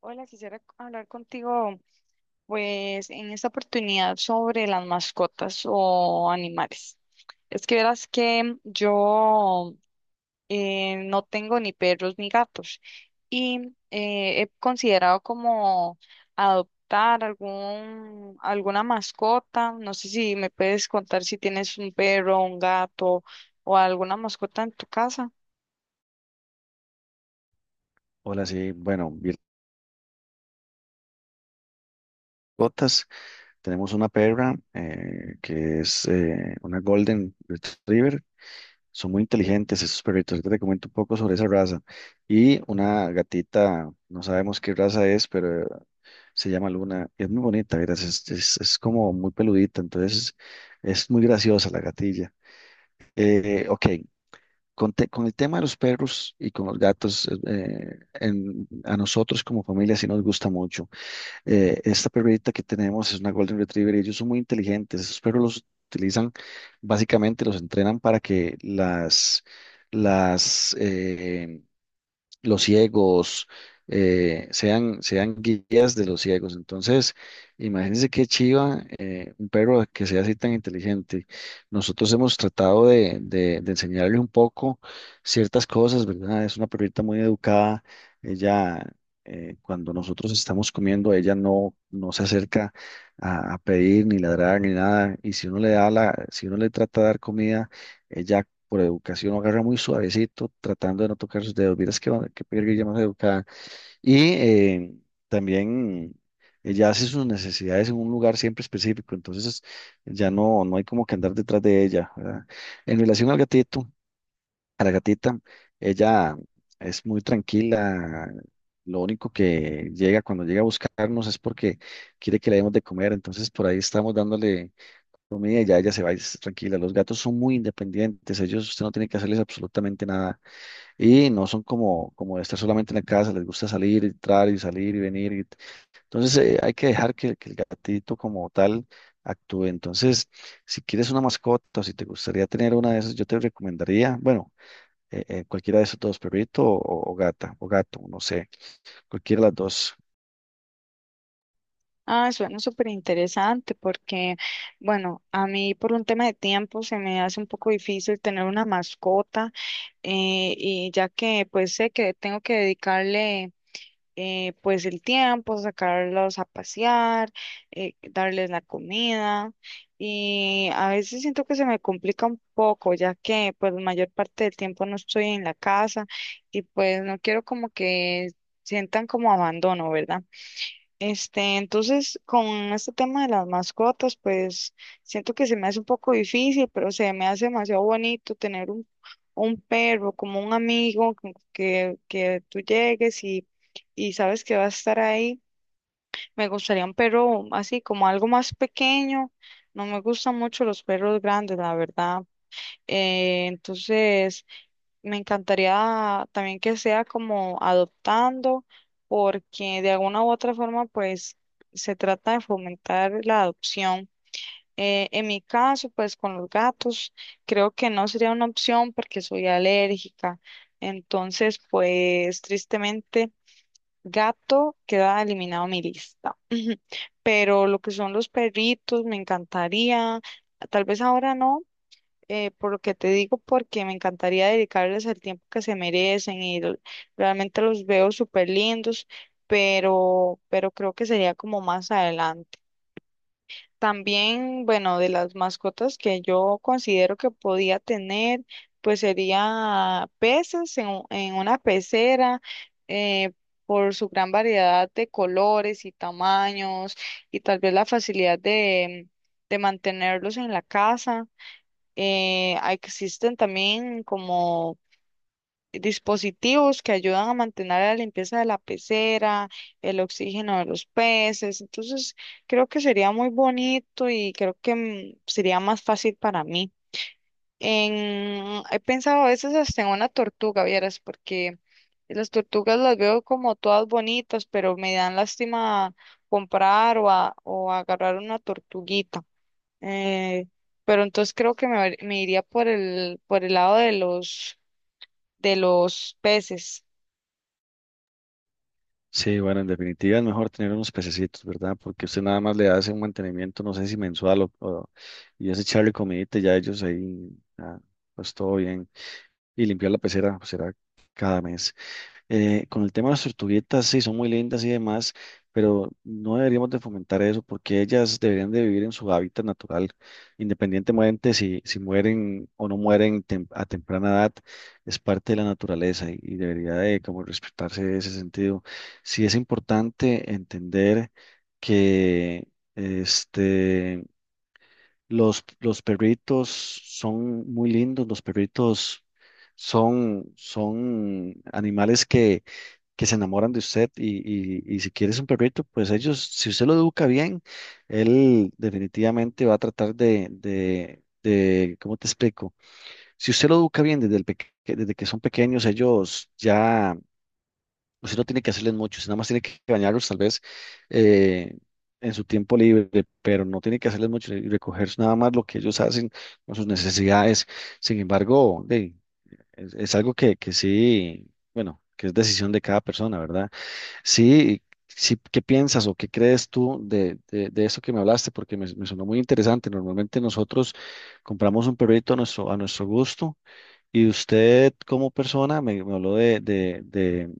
Hola, quisiera hablar contigo, pues, en esta oportunidad sobre las mascotas o animales. Es que verás que yo no tengo ni perros ni gatos y he considerado como adoptar alguna mascota. No sé si me puedes contar si tienes un perro, un gato o alguna mascota en tu casa. Hola, sí, bueno, botas. Tenemos una perra que es una Golden Retriever. Son muy inteligentes esos perritos. Ahorita te comento un poco sobre esa raza. Y una gatita, no sabemos qué raza es, pero se llama Luna. Y es muy bonita, verás. Es como muy peludita, entonces es muy graciosa la gatilla. Ok, con el tema de los perros y con los gatos, a nosotros como familia sí nos gusta mucho. Esta perrita que tenemos es una Golden Retriever y ellos son muy inteligentes. Esos perros los utilizan, básicamente los entrenan para que las, eh, los ciegos, sean guías de los ciegos. Entonces, imagínense qué chiva un perro que sea así tan inteligente. Nosotros hemos tratado de enseñarle un poco ciertas cosas, ¿verdad? Es una perrita muy educada. Ella, cuando nosotros estamos comiendo, ella no, no se acerca a pedir ni ladrar ni nada. Y si uno le da la, si uno le trata de dar comida, ella por educación, lo agarra muy suavecito, tratando de no tocar sus dedos. Miras que perguilla más educada. Y también ella hace sus necesidades en un lugar siempre específico, entonces ya no hay como que andar detrás de ella, ¿verdad? En relación al gatito, a la gatita, ella es muy tranquila. Lo único que llega cuando llega a buscarnos es porque quiere que le demos de comer, entonces por ahí estamos dándole comida y ya ella se va y es tranquila. Los gatos son muy independientes, ellos usted no tiene que hacerles absolutamente nada y no son como de estar solamente en la casa, les gusta salir, entrar y salir y venir. Entonces, hay que dejar que el gatito como tal actúe. Entonces, si quieres una mascota o si te gustaría tener una de esas, yo te recomendaría, bueno, cualquiera de esos dos, perrito o gata o gato, no sé, cualquiera de las dos. Ah, suena súper interesante porque, bueno, a mí por un tema de tiempo se me hace un poco difícil tener una mascota y ya que pues sé que tengo que dedicarle pues el tiempo, sacarlos a pasear, darles la comida, y a veces siento que se me complica un poco ya que pues la mayor parte del tiempo no estoy en la casa y pues no quiero como que sientan como abandono, ¿verdad? Este, entonces, con este tema de las mascotas, pues siento que se me hace un poco difícil, pero se me hace demasiado bonito tener un perro como un amigo que tú llegues y sabes que va a estar ahí. Me gustaría un perro así como algo más pequeño. No me gustan mucho los perros grandes, la verdad. Entonces, me encantaría también que sea como adoptando, porque de alguna u otra forma, pues se trata de fomentar la adopción. En mi caso, pues con los gatos, creo que no sería una opción porque soy alérgica. Entonces, pues tristemente, gato queda eliminado de mi lista. Pero lo que son los perritos, me encantaría. Tal vez ahora no, por lo que te digo, porque me encantaría dedicarles el tiempo que se merecen, realmente los veo súper lindos, pero creo que sería como más adelante. También, bueno, de las mascotas que yo considero que podía tener, pues sería peces en una pecera, eh, por su gran variedad de colores y tamaños, y tal vez la facilidad de mantenerlos en la casa. Existen también como dispositivos que ayudan a mantener la limpieza de la pecera, el oxígeno de los peces. Entonces, creo que sería muy bonito y creo que sería más fácil para mí. En, he pensado a veces hasta en una tortuga, vieras, porque las tortugas las veo como todas bonitas, pero me dan lástima comprar o agarrar una tortuguita. Eh, pero entonces creo que me iría por por el lado de de los peces. Sí, bueno, en definitiva es mejor tener unos pececitos, ¿verdad? Porque usted nada más le hace un mantenimiento, no sé si mensual o- y es echarle comidita y ya ellos ahí, ah, pues todo bien. Y limpiar la pecera, pues será cada mes. Con el tema de las tortuguitas, sí, son muy lindas y demás, pero no deberíamos de fomentar eso porque ellas deberían de vivir en su hábitat natural, independientemente si mueren o no mueren a temprana edad, es parte de la naturaleza y debería de como respetarse ese sentido. Sí es importante entender que este, los perritos son muy lindos, los perritos son animales que se enamoran de usted y si quieres un perrito, pues ellos, si usted lo educa bien, él definitivamente va a tratar ¿cómo te explico? Si usted lo educa bien desde, desde que son pequeños, ellos ya, usted no tiene que hacerles mucho, usted nada más tiene que bañarlos tal vez eh, en su tiempo libre, pero no tiene que hacerles mucho y recoger nada más lo que ellos hacen con sus necesidades. Sin embargo, es algo que sí, bueno, que es decisión de cada persona, ¿verdad? Sí, sí, ¿qué piensas o qué crees tú de eso que me hablaste? Porque me sonó muy interesante. Normalmente nosotros compramos un perrito a nuestro gusto y usted como persona me habló de, de, de,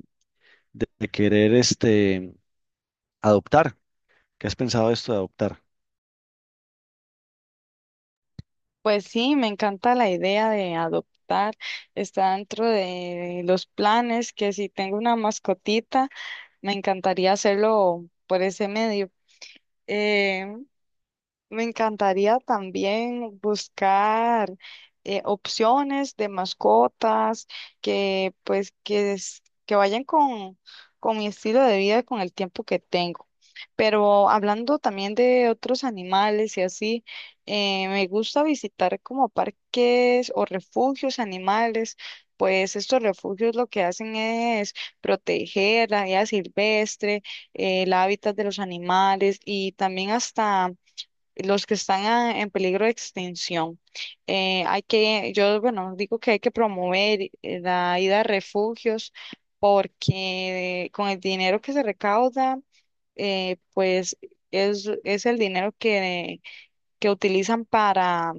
de- de querer este, adoptar. ¿Qué has pensado de esto de adoptar? Pues sí, me encanta la idea de adoptar. Está dentro de los planes que si tengo una mascotita, me encantaría hacerlo por ese medio. Eh, Me encantaría también buscar opciones de mascotas que pues que, es- que vayan con mi estilo de vida y con el tiempo que tengo. Pero hablando también de otros animales y así, me gusta visitar como parques o refugios animales. Pues estos refugios lo que hacen es proteger la vida silvestre, el hábitat de los animales, y también hasta los que están en peligro de extinción. Bueno, digo que hay que promover la ida a refugios porque con el dinero que se recauda, pues es el dinero que utilizan para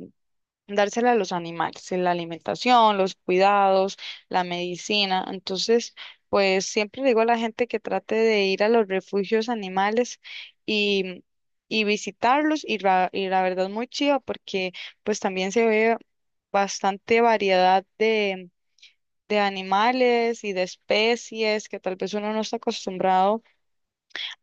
dársela a los animales, la alimentación, los cuidados, la medicina. Entonces, pues siempre digo a la gente que trate de ir a los refugios animales y, y visitarlos, y la verdad muy chiva, porque pues también se ve bastante variedad de animales y de especies que tal vez uno no está acostumbrado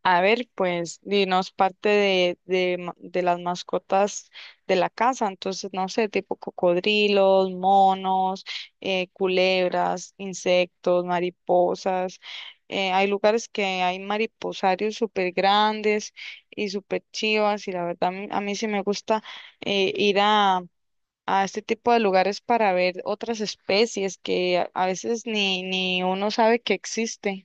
a ver, pues, dinos parte de las mascotas de la casa. Entonces, no sé, tipo cocodrilos, monos, culebras, insectos, mariposas. Hay lugares que hay mariposarios súper grandes y súper chivas, y la verdad, a mí sí me gusta eh, ir a, a este tipo de lugares para ver otras especies que a veces ni uno sabe que existen.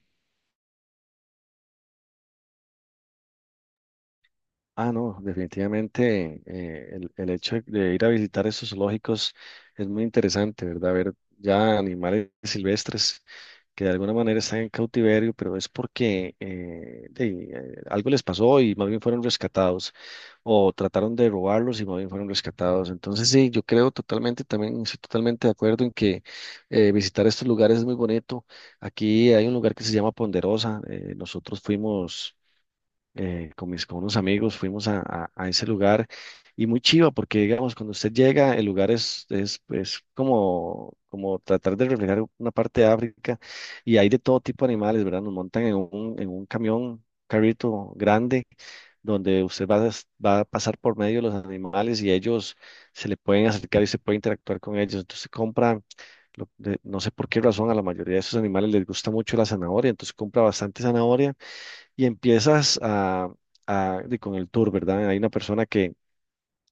Ah, no, definitivamente el hecho de ir a visitar esos zoológicos es muy interesante, ¿verdad? Ver ya animales silvestres que de alguna manera están en cautiverio, pero es porque algo les pasó y más bien fueron rescatados, o trataron de robarlos y más bien fueron rescatados. Entonces, sí, yo creo totalmente, también estoy totalmente de acuerdo en que visitar estos lugares es muy bonito. Aquí hay un lugar que se llama Ponderosa, nosotros fuimos con unos amigos, fuimos a ese lugar y muy chiva porque, digamos, cuando usted llega, el lugar es como, como tratar de reflejar una parte de África y hay de todo tipo de animales, ¿verdad? Nos montan en en un camión, carrito grande, donde usted va va a pasar por medio de los animales y ellos se le pueden acercar y se puede interactuar con ellos. Entonces no sé por qué razón, a la mayoría de esos animales les gusta mucho la zanahoria, entonces compra bastante zanahoria y empiezas con el tour, ¿verdad? Hay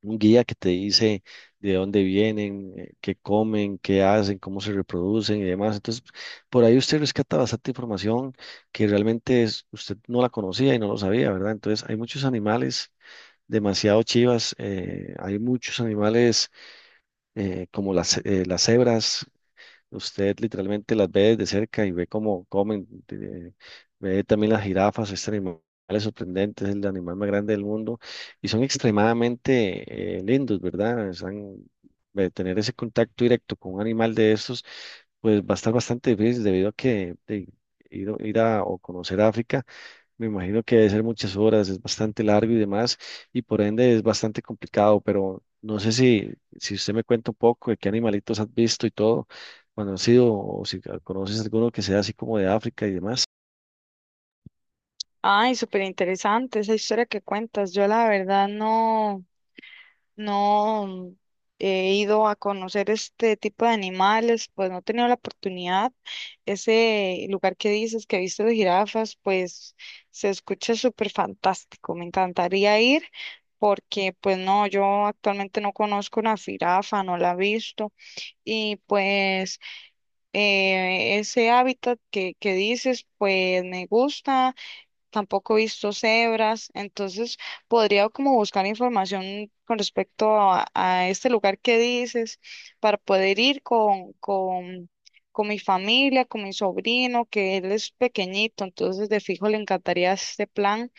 un guía que te dice de dónde vienen, qué comen, qué hacen, cómo se reproducen y demás. Entonces, por ahí usted rescata bastante información que realmente usted no la conocía y no lo sabía, ¿verdad? Entonces, hay muchos animales demasiado chivas, hay muchos animales como las cebras. Usted literalmente las ve de cerca y ve cómo comen, ve también las jirafas. Este animal es sorprendente, es el animal más grande del mundo y son extremadamente lindos, ¿verdad? Tener ese contacto directo con un animal de estos, pues va a estar bastante difícil debido a que ir a o conocer África me imagino que debe ser muchas horas, es bastante largo y demás, y por ende es bastante complicado, pero no sé si, si usted me cuenta un poco de qué animalitos has visto y todo, cuando has sido, o si conoces alguno que sea así como de África y demás. Ay, súper interesante esa historia que cuentas. Yo la verdad no, no he ido a conocer este tipo de animales, pues no he tenido la oportunidad. Ese lugar que dices que viste de jirafas, pues se escucha súper fantástico. Me encantaría ir porque pues no, yo actualmente no conozco una jirafa, no la he visto. Y pues ese hábitat que dices, pues me gusta, tampoco he visto cebras. Entonces podría como buscar información con respecto a este lugar que dices para poder ir con mi familia, con mi sobrino, que él es pequeñito, entonces de fijo le encantaría este plan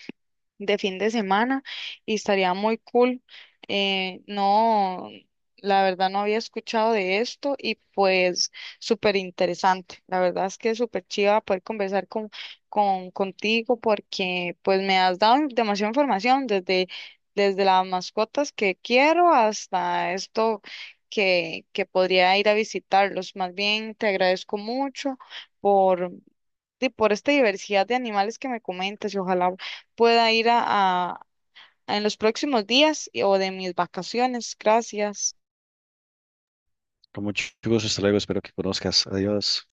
de fin de semana y estaría muy cool. No, la verdad no había escuchado de esto y pues súper interesante. La verdad es que es súper chiva poder conversar contigo porque pues me has dado demasiada información desde, desde las mascotas que quiero hasta esto. Que podría ir a visitarlos. Más bien, te agradezco mucho por, por esta diversidad de animales que me comentas, y ojalá pueda ir en los próximos días o de mis vacaciones. Gracias. Con mucho gusto, hasta luego, espero que conozcas. Adiós.